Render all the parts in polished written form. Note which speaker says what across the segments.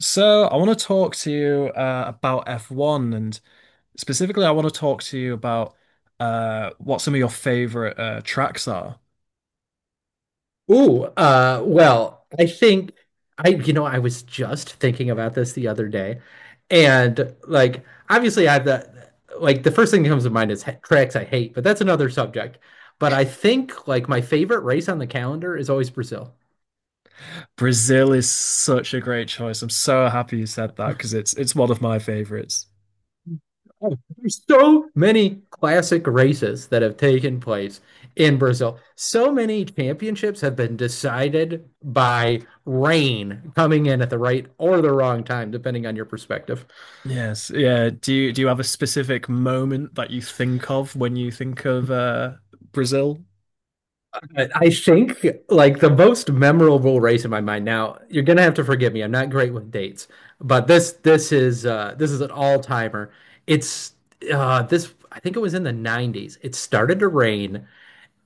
Speaker 1: So, I want to talk to you about F1 and specifically, I want to talk to you about what some of your favorite tracks are.
Speaker 2: Well, I think I was just thinking about this the other day, and like, obviously, I have the like the first thing that comes to mind is tracks I hate, but that's another subject. But I think like my favorite race on the calendar is always Brazil.
Speaker 1: Brazil is such a great choice. I'm so happy you said that because it's one of my favorites.
Speaker 2: Oh, there's so many classic races that have taken place in Brazil. So many championships have been decided by rain coming in at the right or the wrong time, depending on your perspective.
Speaker 1: Yes, yeah. Do you have a specific moment that you think of when you think of Brazil?
Speaker 2: But I think like the most memorable race in my mind. Now, you're gonna have to forgive me. I'm not great with dates, but this this is an all-timer. It's this I think it was in the 90s. It started to rain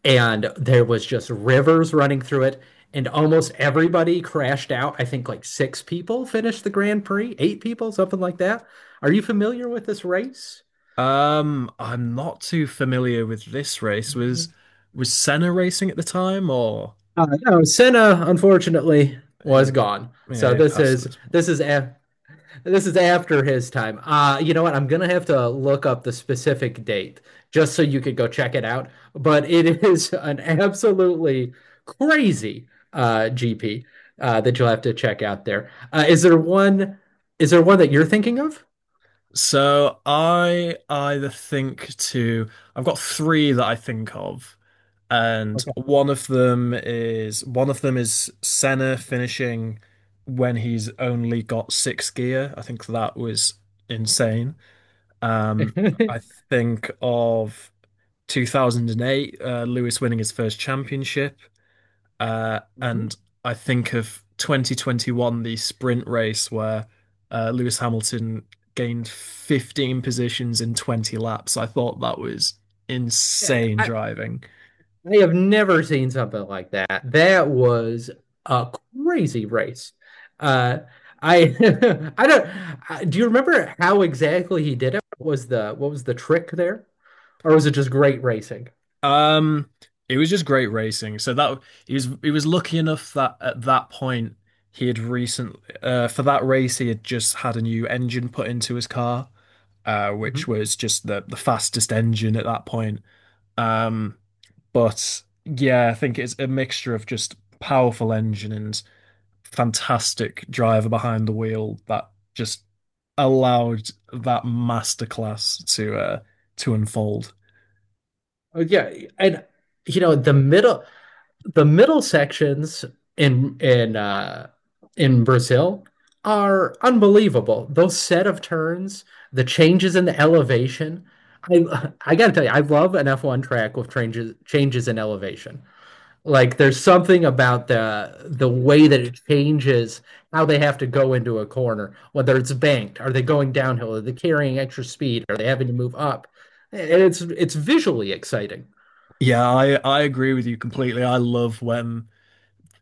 Speaker 2: and there was just rivers running through it and almost everybody crashed out. I think like six people finished the Grand Prix, eight people, something like that. Are you familiar with this race?
Speaker 1: I'm not too familiar with this race. Was
Speaker 2: Uh,
Speaker 1: was Senna racing at the time, or
Speaker 2: no, Senna unfortunately
Speaker 1: he
Speaker 2: was gone.
Speaker 1: yeah, he'd passed this.
Speaker 2: This is after his time. You know what? I'm gonna have to look up the specific date just so you could go check it out. But it is an absolutely crazy GP that you'll have to check out there. Is there one that you're thinking of?
Speaker 1: So I've got three that I think of, and
Speaker 2: Okay.
Speaker 1: one of them is Senna finishing when he's only got six gear. I think that was insane. Um,
Speaker 2: I,
Speaker 1: I think of 2008, Lewis winning his first championship. Uh,
Speaker 2: Mhm.
Speaker 1: and I think of 2021, the sprint race where Lewis Hamilton gained 15 positions in 20 laps. I thought that was
Speaker 2: Yeah,
Speaker 1: insane driving.
Speaker 2: I have never seen something like that. That was a crazy race. Uh, I I don't I, do you remember how exactly he did it? What was the trick there? Or was it just great racing?
Speaker 1: Um, it was just great racing. So that He was lucky enough that at that point he had recently for that race he had just had a new engine put into his car, which
Speaker 2: Mhm.
Speaker 1: was just the fastest engine at that point. Um, but yeah, I think it's a mixture of just powerful engine and fantastic driver behind the wheel that just allowed that masterclass to unfold.
Speaker 2: Oh, yeah, and you know the middle sections in in uh, in Brazil are unbelievable. Those set of turns, the changes in the elevation. I gotta tell you, I love an F1 track with changes in elevation. Like there's something about the way that it changes how they have to go into a corner, whether it's banked, are they going downhill, are they carrying extra speed, are they having to move up? And it's visually exciting.
Speaker 1: Yeah, I agree with you completely. I love when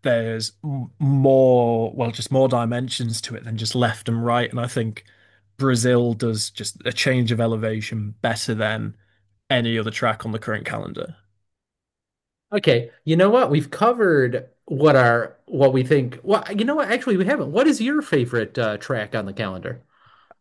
Speaker 1: there's more, well, just more dimensions to it than just left and right. And I think Brazil does just a change of elevation better than any other track on the current calendar.
Speaker 2: Okay, you know what? We've covered what we think. Well, you know what? Actually, we haven't. What is your favorite track on the calendar?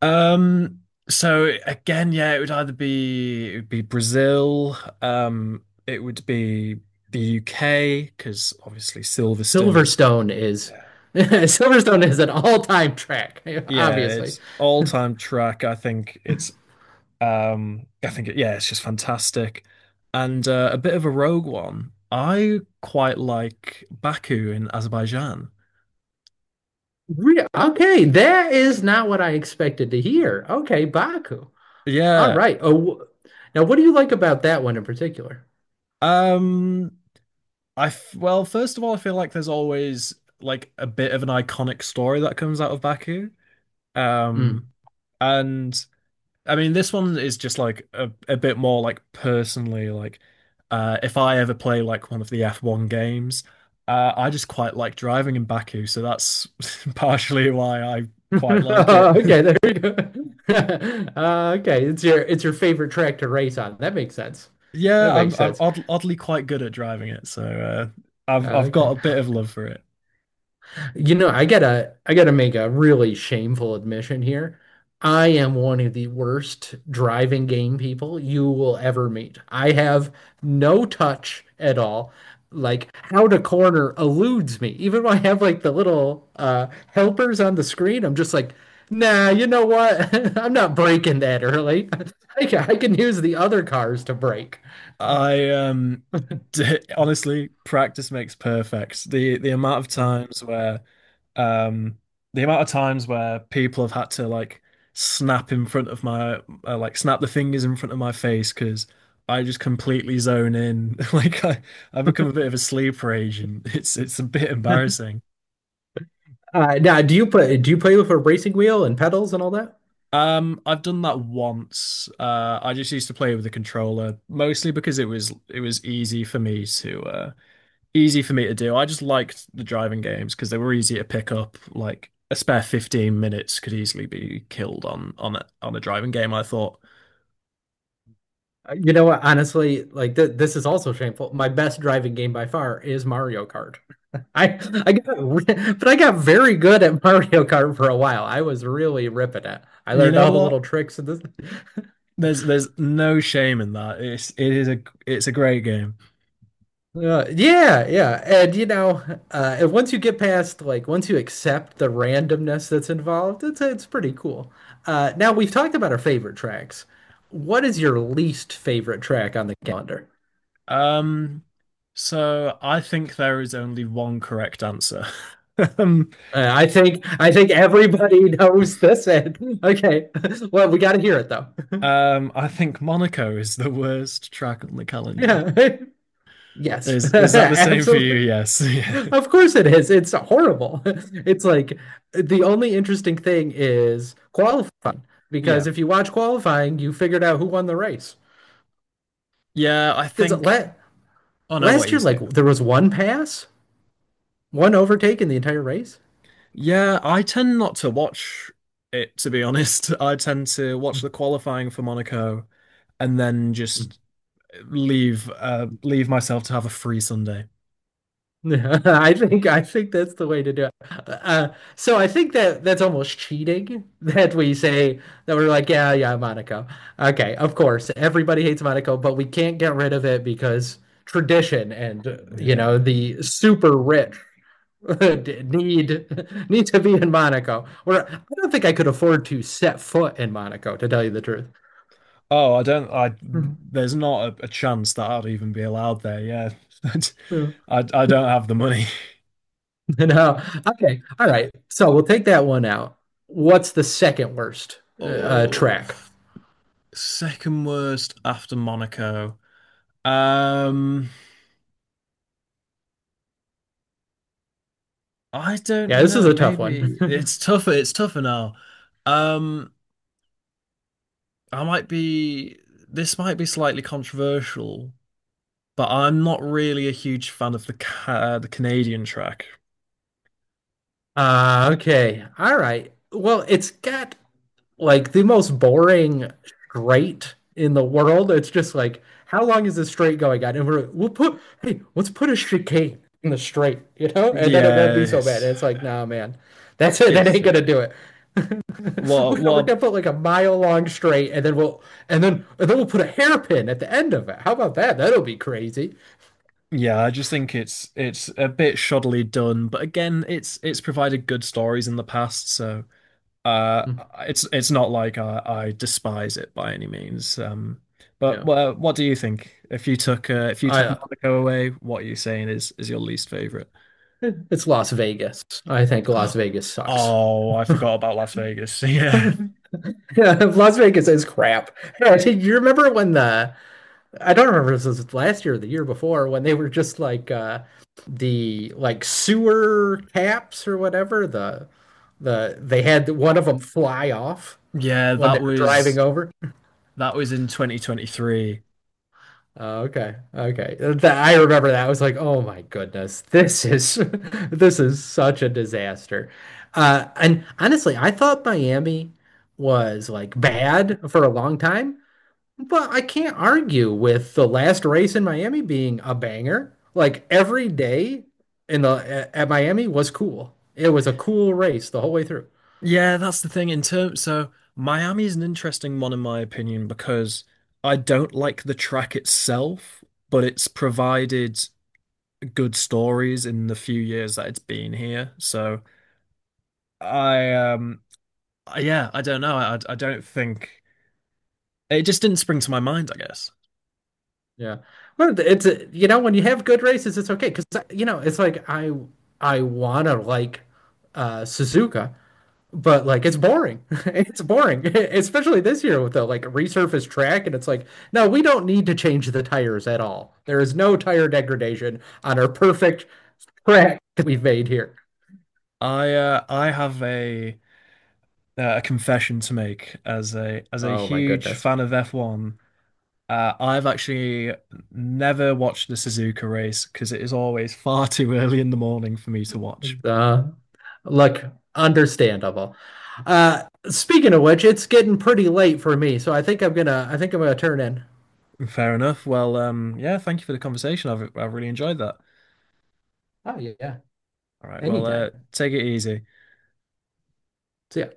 Speaker 1: Um, so again, yeah, it would be Brazil, it would be the UK because obviously Silverstone is
Speaker 2: Silverstone is Silverstone is an all-time track,
Speaker 1: yeah,
Speaker 2: obviously.
Speaker 1: it's all-time track. I think yeah, it's just fantastic. And a bit of a rogue one. I quite like Baku in Azerbaijan.
Speaker 2: Okay, that is not what I expected to hear. Okay, Baku. All
Speaker 1: Yeah.
Speaker 2: right. Oh, now what do you like about that one in particular?
Speaker 1: Um, I f well, first of all, I feel like there's always like a bit of an iconic story that comes out of Baku.
Speaker 2: Mm.
Speaker 1: Um, and I mean, this one is just like a bit more like personally, like if I ever play like one of the F1 games, I just quite like driving in Baku, so that's partially why I quite like it.
Speaker 2: Okay, there we go. Okay, it's your favorite track to race on. That makes sense. That
Speaker 1: Yeah,
Speaker 2: makes
Speaker 1: I'm
Speaker 2: sense.
Speaker 1: oddly quite good at driving it, so I've
Speaker 2: Okay.
Speaker 1: got a bit of love for it.
Speaker 2: You know, I gotta make a really shameful admission here. I am one of the worst driving game people you will ever meet. I have no touch at all. Like how to corner eludes me. Even when I have like the little helpers on the screen, I'm just like, nah, you know what? I'm not braking that early. I can use the other cars to brake.
Speaker 1: I d honestly, practice makes perfect.
Speaker 2: Uh,
Speaker 1: Um, the amount of times where people have had to like snap in front of my like snap the fingers in front of my face because I just completely zone in. I become a bit of a sleeper agent. It's a bit embarrassing.
Speaker 2: Now, Do you play with a racing wheel and pedals and all that?
Speaker 1: I've done that once. I just used to play with the controller mostly because it was easy for me to easy for me to do. I just liked the driving games because they were easy to pick up. Like a spare 15 minutes could easily be killed on on a driving game. I thought,
Speaker 2: You know what? Honestly, like th this is also shameful. My best driving game by far is Mario Kart. I I got very good at Mario Kart for a while. I was really ripping it. I
Speaker 1: you
Speaker 2: learned
Speaker 1: know
Speaker 2: all the
Speaker 1: what?
Speaker 2: little tricks and this.
Speaker 1: There's no shame in that. It is a it's a great game.
Speaker 2: Yeah, yeah, and you know, and once you get past like once you accept the randomness that's involved, it's pretty cool. Now we've talked about our favorite tracks. What is your least favorite track on the calendar?
Speaker 1: Um, so I think there is only one correct answer.
Speaker 2: I think everybody knows this. Okay. Well, we got to hear it though.
Speaker 1: I think Monaco is the worst track on the calendar.
Speaker 2: Yeah. Yes.
Speaker 1: Is that the same for you?
Speaker 2: Absolutely.
Speaker 1: Yes. Yeah.
Speaker 2: Of course it is. It's horrible. It's like the only interesting thing is qualifying,
Speaker 1: Yeah.
Speaker 2: because if you watch qualifying, you figured out who won the race.
Speaker 1: Yeah, I
Speaker 2: Because
Speaker 1: think.
Speaker 2: la
Speaker 1: Oh no, what
Speaker 2: Last
Speaker 1: are you
Speaker 2: year, like
Speaker 1: saying?
Speaker 2: there was one pass, one overtake in the entire race.
Speaker 1: Yeah, I tend not to watch it, to be honest. I tend to watch the
Speaker 2: Mm.
Speaker 1: qualifying for Monaco and then just leave leave myself to have a free Sunday.
Speaker 2: Yeah, I think that's the way to do it. Uh, so I think that that's almost cheating that we say that we're like, yeah, yeah, Monaco. Okay, of course, everybody hates Monaco, but we can't get rid of it because tradition and you
Speaker 1: Yeah.
Speaker 2: know the super rich need need to be in Monaco. Or I don't think I could afford to set foot in Monaco, to tell you the truth.
Speaker 1: Oh, I don't I
Speaker 2: Mhm.
Speaker 1: there's not a, a chance that I'd even be allowed there. Yeah.
Speaker 2: Yeah.
Speaker 1: I don't have the money.
Speaker 2: No. Okay. All right. So we'll take that one out. What's the second worst
Speaker 1: Oh,
Speaker 2: track?
Speaker 1: second worst after Monaco. Um, I
Speaker 2: Yeah,
Speaker 1: don't
Speaker 2: this is
Speaker 1: know.
Speaker 2: a tough
Speaker 1: Maybe
Speaker 2: one.
Speaker 1: it's tougher. It's tougher now. Um, I might be, this might be slightly controversial, but I'm not really a huge fan of the the Canadian track.
Speaker 2: Okay. All right. Well, it's got like the most boring straight in the world. It's just like, how long is this straight going on? And we'll put, hey, let's put a chicane in the straight, you know, and then it won't
Speaker 1: Yeah,
Speaker 2: be so bad. And it's like, nah, man, that's it. That
Speaker 1: it's
Speaker 2: ain't gonna
Speaker 1: silly.
Speaker 2: do it.
Speaker 1: What?
Speaker 2: We're
Speaker 1: What?
Speaker 2: gonna put like a mile long straight, and then and then we'll put a hairpin at the end of it. How about that? That'll be crazy.
Speaker 1: Yeah, I just think it's a bit shoddily done, but again, it's provided good stories in the past, so uh,
Speaker 2: Mm,
Speaker 1: it's not like I despise it by any means. But
Speaker 2: No,
Speaker 1: well, what do you think? If you took
Speaker 2: I
Speaker 1: Monaco away, what are you saying is your least favorite?
Speaker 2: Eh, it's Las Vegas. I think Las Vegas sucks.
Speaker 1: Oh, I forgot about Las Vegas. Yeah.
Speaker 2: Las Vegas is crap. do you remember when the I don't remember if this was last year or the year before when they were just like the like sewer caps or whatever the they had one of them fly off
Speaker 1: Yeah,
Speaker 2: when they were driving over.
Speaker 1: that was in 2023.
Speaker 2: Oh, okay. Okay. That I remember that. I was like, "Oh my goodness. This is this is such a disaster." Uh, and honestly, I thought Miami was like bad for a long time, but I can't argue with the last race in Miami being a banger. Like every day in the at Miami was cool. It was a cool race the whole way through.
Speaker 1: Yeah, that's the thing in terms so Miami is an interesting one in my opinion because I don't like the track itself, but it's provided good stories in the few years that it's been here. So I yeah, I don't know. I don't think it just didn't spring to my mind, I guess.
Speaker 2: Yeah. Well, it's a, you know, when you have good races, it's okay because you know, it's like I wanna like Suzuka, but like it's boring. It's boring, especially this year with the like resurfaced track and it's like, no, we don't need to change the tires at all. There is no tire degradation on our perfect track that we've made here.
Speaker 1: I have a confession to make as a
Speaker 2: Oh my
Speaker 1: huge
Speaker 2: goodness.
Speaker 1: fan of F1. I've actually never watched the Suzuka race because it is always far too early in the morning for me to watch.
Speaker 2: Uh, look, understandable. Uh, speaking of which, it's getting pretty late for me, so I think I'm gonna turn in.
Speaker 1: Fair enough. Well, yeah, thank you for the conversation. I've really enjoyed that.
Speaker 2: Oh yeah, yeah.
Speaker 1: All right, well,
Speaker 2: Anytime.
Speaker 1: take it easy.
Speaker 2: So yeah,